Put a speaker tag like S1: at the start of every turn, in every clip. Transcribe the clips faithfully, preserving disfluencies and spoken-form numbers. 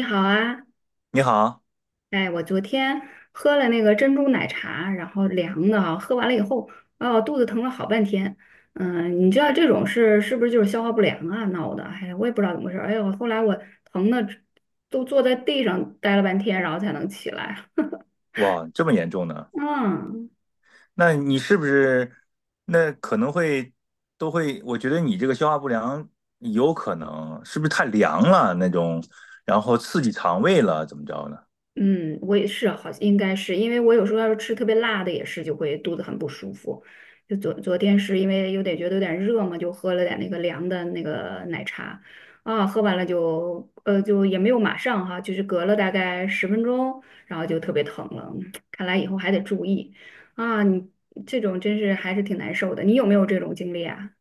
S1: 你好啊，
S2: 你好。
S1: 哎，我昨天喝了那个珍珠奶茶，然后凉的啊，喝完了以后，哦，肚子疼了好半天。嗯，你知道这种是是不是就是消化不良啊闹的？哎呀，我也不知道怎么回事儿。哎呦，后来我疼的都坐在地上待了半天，然后才能起来。
S2: 哇，这么严重呢？
S1: 嗯。
S2: 那你是不是，那可能会，都会？我觉得你这个消化不良有可能是不是太凉了那种，然后刺激肠胃了，怎么着呢？
S1: 嗯，我也是，好像应该是，因为我有时候要是吃特别辣的，也是就会肚子很不舒服。就昨昨天是因为有点觉得有点热嘛，就喝了点那个凉的那个奶茶，啊，喝完了就呃就也没有马上哈，就是隔了大概十分钟，然后就特别疼了。看来以后还得注意啊，你这种真是还是挺难受的。你有没有这种经历啊？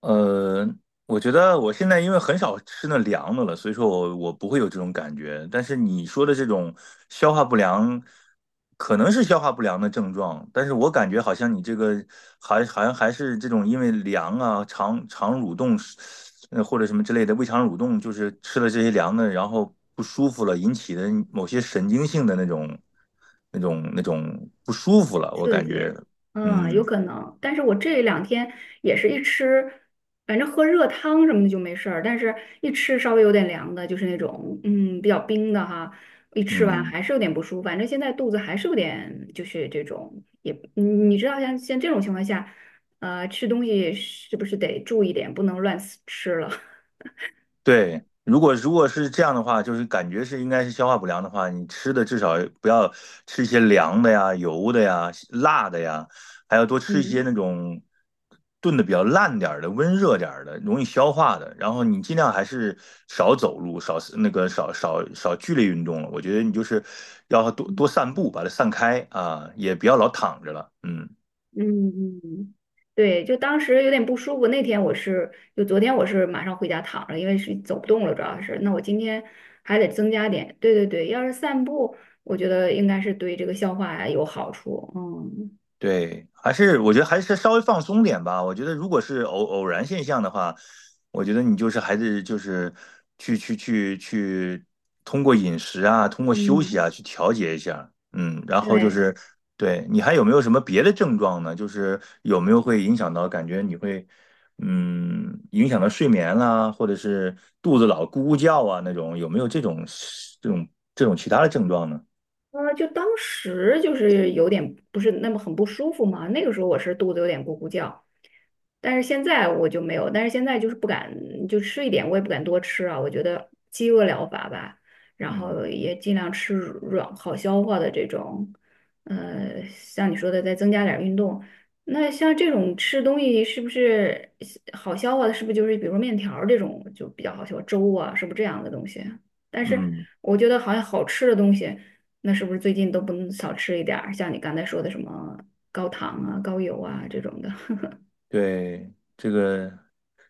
S2: 呃，我觉得我现在因为很少吃那凉的了，所以说我我不会有这种感觉。但是你说的这种消化不良，可能是消化不良的症状，但是我感觉好像你这个还好像还是这种因为凉啊、肠肠蠕动是呃或者什么之类的胃肠蠕动，就是吃了这些凉的，然后不舒服了引起的某些神经性的那种、那种、那种不舒服了，我
S1: 刺
S2: 感觉。
S1: 激，嗯，
S2: 嗯
S1: 有可能。但是我这两天也是一吃，反正喝热汤什么的就没事儿，但是一吃稍微有点凉的，就是那种嗯比较冰的哈，一吃完
S2: 嗯。
S1: 还是有点不舒服。反正现在肚子还是有点，就是这种也，你你知道像像这种情况下，呃，吃东西是不是得注意点，不能乱吃了？
S2: 对，如果如果是这样的话，就是感觉是应该是消化不良的话，你吃的至少不要吃一些凉的呀、油的呀、辣的呀，还要多 吃一些那
S1: 嗯。
S2: 种炖的比较烂点儿的、温热点儿的、容易消化的。然后你尽量还是少走路、少那个少少少剧烈运动了。我觉得你就是要多多散步，把它散开啊，也不要老躺着了。嗯。
S1: 嗯嗯，对，就当时有点不舒服。那天我是，就昨天我是马上回家躺着，因为是走不动了，主要是。那我今天还得增加点。对对对，要是散步，我觉得应该是对这个消化呀有好处。嗯
S2: 对，还是我觉得还是稍微放松点吧。我觉得如果是偶偶然现象的话，我觉得你就是还是就是去去去去通过饮食啊，通过休息
S1: 嗯，
S2: 啊去调节一下。嗯，然后就
S1: 对，
S2: 是，对你还有没有什么别的症状呢？就是有没有会影响到感觉你会，嗯影响到睡眠啦，或者是肚子老咕咕叫啊那种，有没有这种，这种，这种其他的症状呢？
S1: 呃，就当时就是有点不是那么很不舒服嘛。那个时候我是肚子有点咕咕叫，但是现在我就没有，但是现在就是不敢，就吃一点，我也不敢多吃啊。我觉得饥饿疗法吧，然
S2: 嗯
S1: 后也尽量吃软好消化的这种，呃，像你说的再增加点儿运动。那像这种吃东西是不是好消化的？是不是就是比如说面条儿这种就比较好消化，粥啊，是不是这样的东西？但是
S2: 嗯。
S1: 我觉得好像好吃的东西，那是不是最近都不能少吃一点儿？像你刚才说的什么高糖啊、高油啊这种的。
S2: 对，这个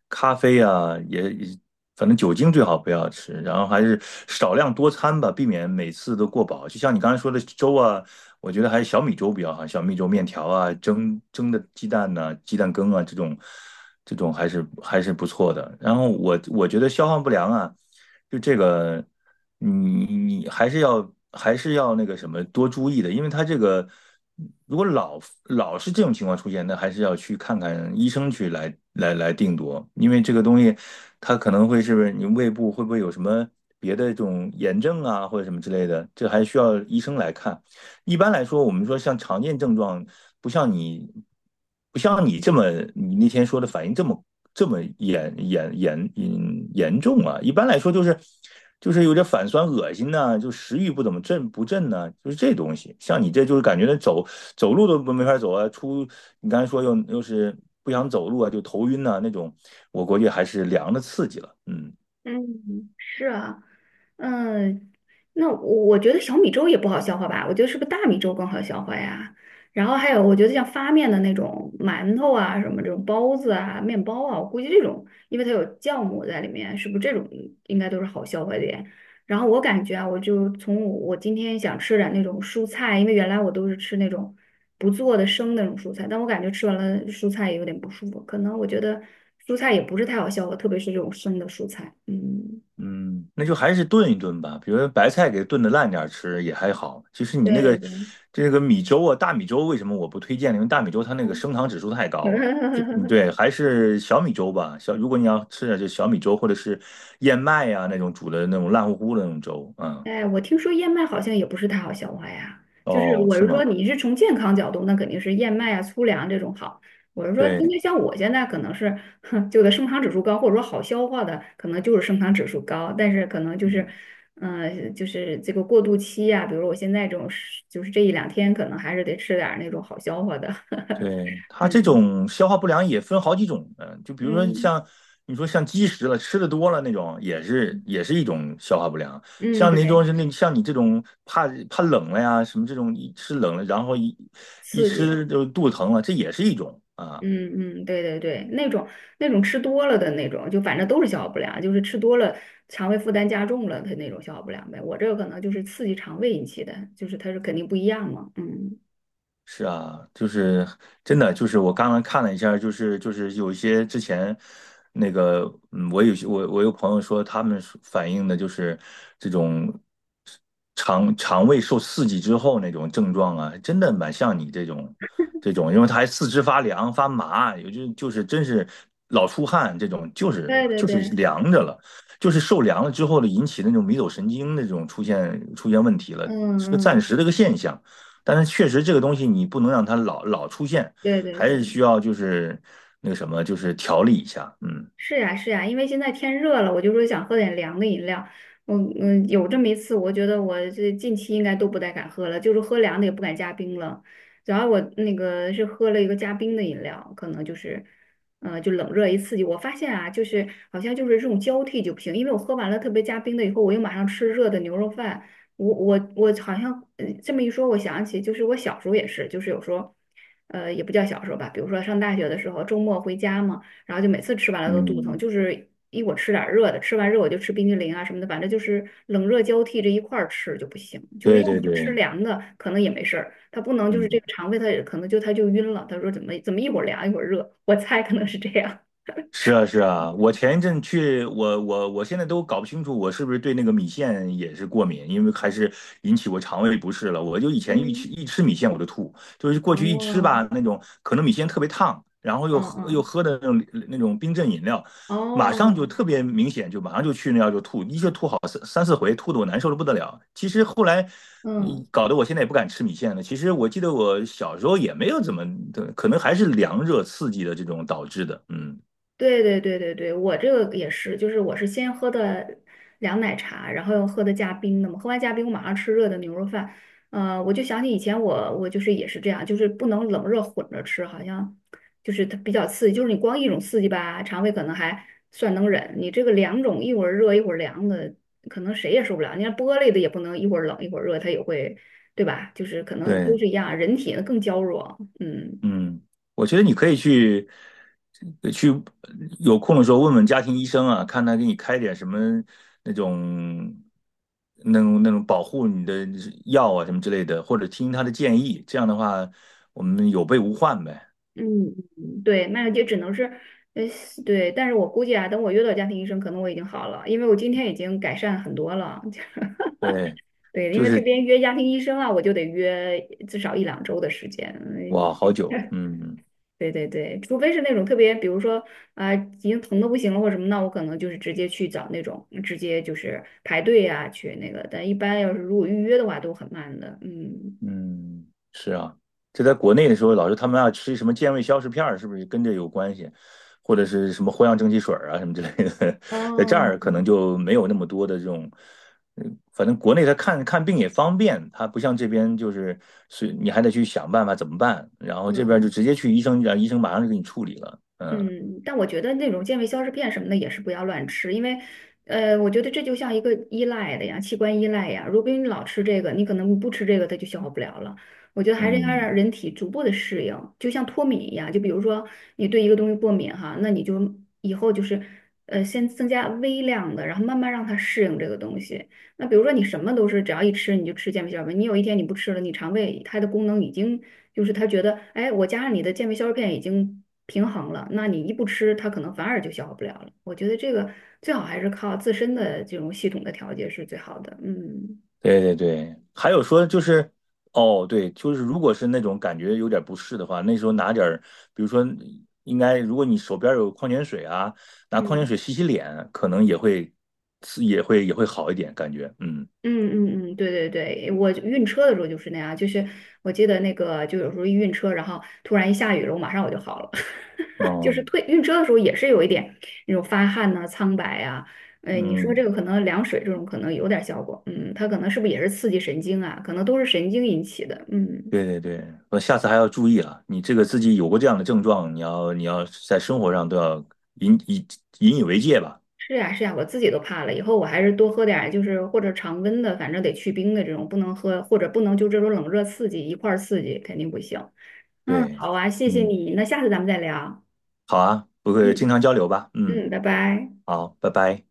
S2: 咖啡啊，也也反正酒精最好不要吃，然后还是少量多餐吧，避免每次都过饱。就像你刚才说的粥啊，我觉得还是小米粥比较好，小米粥、面条啊、蒸蒸的鸡蛋呐、鸡蛋羹啊这种，这种还是还是不错的。然后我我觉得消化不良啊，就这个。你你还是要还是要那个什么多注意的，因为他这个如果老老是这种情况出现，那还是要去看看医生去来来来定夺，因为这个东西它可能会，是不是你胃部会不会有什么别的这种炎症啊或者什么之类的，这还需要医生来看。一般来说，我们说像常见症状，不像你，不像你这么，你那天说的反应这么这么严严严严严重啊！一般来说就是就是有点反酸、恶心呐、啊就食欲不怎么振不振呐，啊就是这东西。像你这就是感觉那走，走路都没法走啊，出，你刚才说又又是不想走路啊，就头晕呐、那种，我估计还是凉的刺激了。嗯。
S1: 嗯，是啊，嗯，那我我觉得小米粥也不好消化吧，我觉得是不是大米粥更好消化呀？然后还有，我觉得像发面的那种馒头啊，什么这种包子啊、面包啊，我估计这种，因为它有酵母在里面，是不是这种应该都是好消化的？呀？然后我感觉啊，我就从我我今天想吃点那种蔬菜，因为原来我都是吃那种不做的生的那种蔬菜，但我感觉吃完了蔬菜也有点不舒服，可能我觉得蔬菜也不是太好消化，特别是这种生的蔬菜。嗯，
S2: 嗯，那就还是炖一炖吧，比如说白菜给炖的烂点儿吃也还好。其实你
S1: 对
S2: 那
S1: 对
S2: 个，
S1: 对，
S2: 这个米粥啊，大米粥为什么我不推荐呢？因为大米粥它那个
S1: 嗯，
S2: 升糖指数太高了。这嗯，对，还是小米粥吧。小，如果你要吃点就小米粥或者是燕麦呀、那种煮的那种烂乎乎的那种粥。嗯。
S1: 哎，我听说燕麦好像也不是太好消化呀，就是
S2: 哦，
S1: 我
S2: 是
S1: 是说，
S2: 吗？
S1: 你是从健康角度，那肯定是燕麦啊、粗粮这种好。我是说，因
S2: 对。
S1: 为像我现在可能是，哼，就的升糖指数高，或者说好消化的，可能就是升糖指数高，但是可能就是，
S2: 嗯。
S1: 嗯，就是这个过渡期呀、比如说我现在这种是，就是这一两天可能还是得吃点儿那种好消化的，
S2: 对，它
S1: 嗯
S2: 这种消化不良也分好几种，嗯，就比如说
S1: 嗯
S2: 像你说像积食了，吃的多了那种，也是也是一种消化不良。
S1: 嗯，
S2: 像那种
S1: 对，
S2: 是那像你这种怕怕冷了呀，什么这种一吃冷了，然后一一
S1: 刺激。
S2: 吃就肚子疼了，这也是一种啊。
S1: 嗯嗯，对对对，那种那种吃多了的那种，就反正都是消化不良，就是吃多了，肠胃负担加重了，它那种消化不良呗。我这个可能就是刺激肠胃引起的，就是它是肯定不一样嘛。嗯，
S2: 是啊，就是真的，就是我刚刚看了一下儿就是就是有一些之前那个，嗯，我有些我，我有朋友说，他们说反映的就是这种肠肠胃受刺激之后那种症状啊，真的蛮像你这种，这种，因为他还四肢发凉发麻，有就就是真是老出汗这种，就是
S1: 对对
S2: 就是
S1: 对，
S2: 凉着了，就是受凉了之后的引起的那种迷走神经那种出现出现问题了，是个
S1: 嗯
S2: 暂时的一个
S1: 嗯，
S2: 现象。但是确实这个东西你不能让它老老出现，
S1: 对对
S2: 还是需
S1: 对。
S2: 要就是那个什么，就是调理一下。嗯。
S1: 是呀，是呀，因为现在天热了，我就说想喝点凉的饮料。我嗯，有这么一次，我觉得我这近期应该都不太敢喝了，就是喝凉的也不敢加冰了。主要我那个是喝了一个加冰的饮料，可能就是，呃，就冷热一刺激。我发现啊，就是好像就是这种交替就不行，因为我喝完了特别加冰的以后，我又马上吃热的牛肉饭。我我我好像呃这么一说，我想起就是我小时候也是，就是有时候，呃，也不叫小时候吧，比如说上大学的时候，周末回家嘛。然后就每次吃完了都肚疼，
S2: 嗯，
S1: 就是一我吃点儿热的，吃完热我就吃冰激凌啊什么的，反正就是冷热交替这一块儿吃就不行，就是
S2: 对
S1: 要么
S2: 对
S1: 吃
S2: 对。
S1: 凉的可能也没事儿，它不能就是这
S2: 嗯，
S1: 个肠胃他也可能就他就晕了，他说怎么怎么一会儿凉一会儿热，我猜可能是这样，
S2: 是啊，是啊，我前一阵去，我我我现在都搞不清楚，我是不是对那个米线也是过敏，因为还是引起我肠胃不适了。我就以前一吃
S1: 嗯，
S2: 一吃米线我就吐，就是过去一吃
S1: 哦，
S2: 吧，那种可能米线特别烫，然后又
S1: 嗯
S2: 喝又
S1: 嗯，
S2: 喝的那种，那种冰镇饮料，马上就
S1: 哦，
S2: 特别明显，就马上就去那样就吐，一下吐好三三四回，吐的我难受的不得了。其实后来。嗯，
S1: 嗯。
S2: 搞得我现在也不敢吃米线了。其实我记得我小时候也没有怎么，可能还是凉热刺激的这种导致的。嗯。
S1: 对对对对对，我这个也是，就是我是先喝的凉奶茶，然后又喝的加冰的嘛，喝完加冰我马上吃热的牛肉饭。呃，我就想起以前我我就是也是这样，就是不能冷热混着吃，好像就是它比较刺激，就是你光一种刺激吧，肠胃可能还算能忍，你这个两种一会儿热一会儿凉的，可能谁也受不了。你看玻璃的也不能一会儿冷一会儿热，它也会，对吧？就是可能都
S2: 对。
S1: 是一样，人体更娇弱，嗯。
S2: 嗯，我觉得你可以去，呃去，有空的时候问问家庭医生啊，看他给你开点什么那种，那种那种保护你的药啊什么之类的，或者听他的建议。这样的话，我们有备无患呗。
S1: 嗯，嗯对，那就只能是，呃，对，但是我估计啊，等我约到家庭医生，可能我已经好了，因为我今天已经改善很多了。
S2: 对，
S1: 对，因
S2: 就
S1: 为这
S2: 是，
S1: 边约家庭医生啊，我就得约至少一两周的时间。嗯，
S2: 哇，好久。嗯。
S1: 对对对，除非是那种特别，比如说啊、呃已经疼的不行了或者什么，那我可能就是直接去找那种，直接就是排队啊去那个。但一般要是如果预约的话，都很慢的。嗯，
S2: 嗯，是啊，这在国内的时候，老是他们要吃什么健胃消食片儿，是不是跟这有关系？或者是什么藿香正气水儿啊，什么之类的，在这
S1: 哦，
S2: 儿可能就没有那么多的这种。嗯，反正国内他看看病也方便，他不像这边就是，是你还得去想办法怎么办，然后这边就
S1: 嗯。
S2: 直接去医生，让医生马上就给你处理了。嗯。
S1: 嗯，但我觉得那种健胃消食片什么的也是不要乱吃，因为，呃，我觉得这就像一个依赖的呀，器官依赖呀。如果你老吃这个，你可能不吃这个，它就消化不了了。我觉得还是应该让
S2: 嗯。
S1: 人体逐步的适应，就像脱敏一样。就比如说你对一个东西过敏哈，那你就以后就是，呃，先增加微量的，然后慢慢让它适应这个东西。那比如说你什么都是只要一吃你就吃健胃消化片，你有一天你不吃了，你肠胃它的功能已经就是它觉得，哎，我加上你的健胃消化片已经平衡了，那你一不吃，它可能反而就消化不了了。我觉得这个最好还是靠自身的这种系统的调节是最好的。嗯
S2: 对对对，还有说就是，哦，对，就是如果是那种感觉有点不适的话，那时候拿点儿，比如说应该，如果你手边有矿泉水啊，拿矿泉
S1: 嗯。
S2: 水洗洗脸，可能也会，是，也会，也会好一点感觉。嗯。
S1: 嗯嗯嗯，对对对，我晕车的时候就是那样，就是我记得那个，就有时候一晕车，然后突然一下雨了，我马上我就好了，就是
S2: 哦。
S1: 退晕车的时候也是有一点那种发汗呐、苍白啊，哎，你说这
S2: 嗯，
S1: 个可能凉水这种可能有点效果，嗯，它可能是不是也是刺激神经啊？可能都是神经引起的，嗯，
S2: 对对对，我下次还要注意了，你这个自己有过这样的症状，你要你要在生活上都要引以引以为戒吧。
S1: 是呀是呀，我自己都怕了，以后我还是多喝点儿，就是或者常温的，反正得去冰的这种，不能喝或者不能就这种冷热刺激一块儿刺激，肯定不行。嗯，
S2: 对。
S1: 好啊，谢谢
S2: 嗯，
S1: 你，那下次咱们再聊。
S2: 好啊，不会经
S1: 嗯
S2: 常交流吧。嗯。
S1: 嗯，拜拜。
S2: 好，拜拜。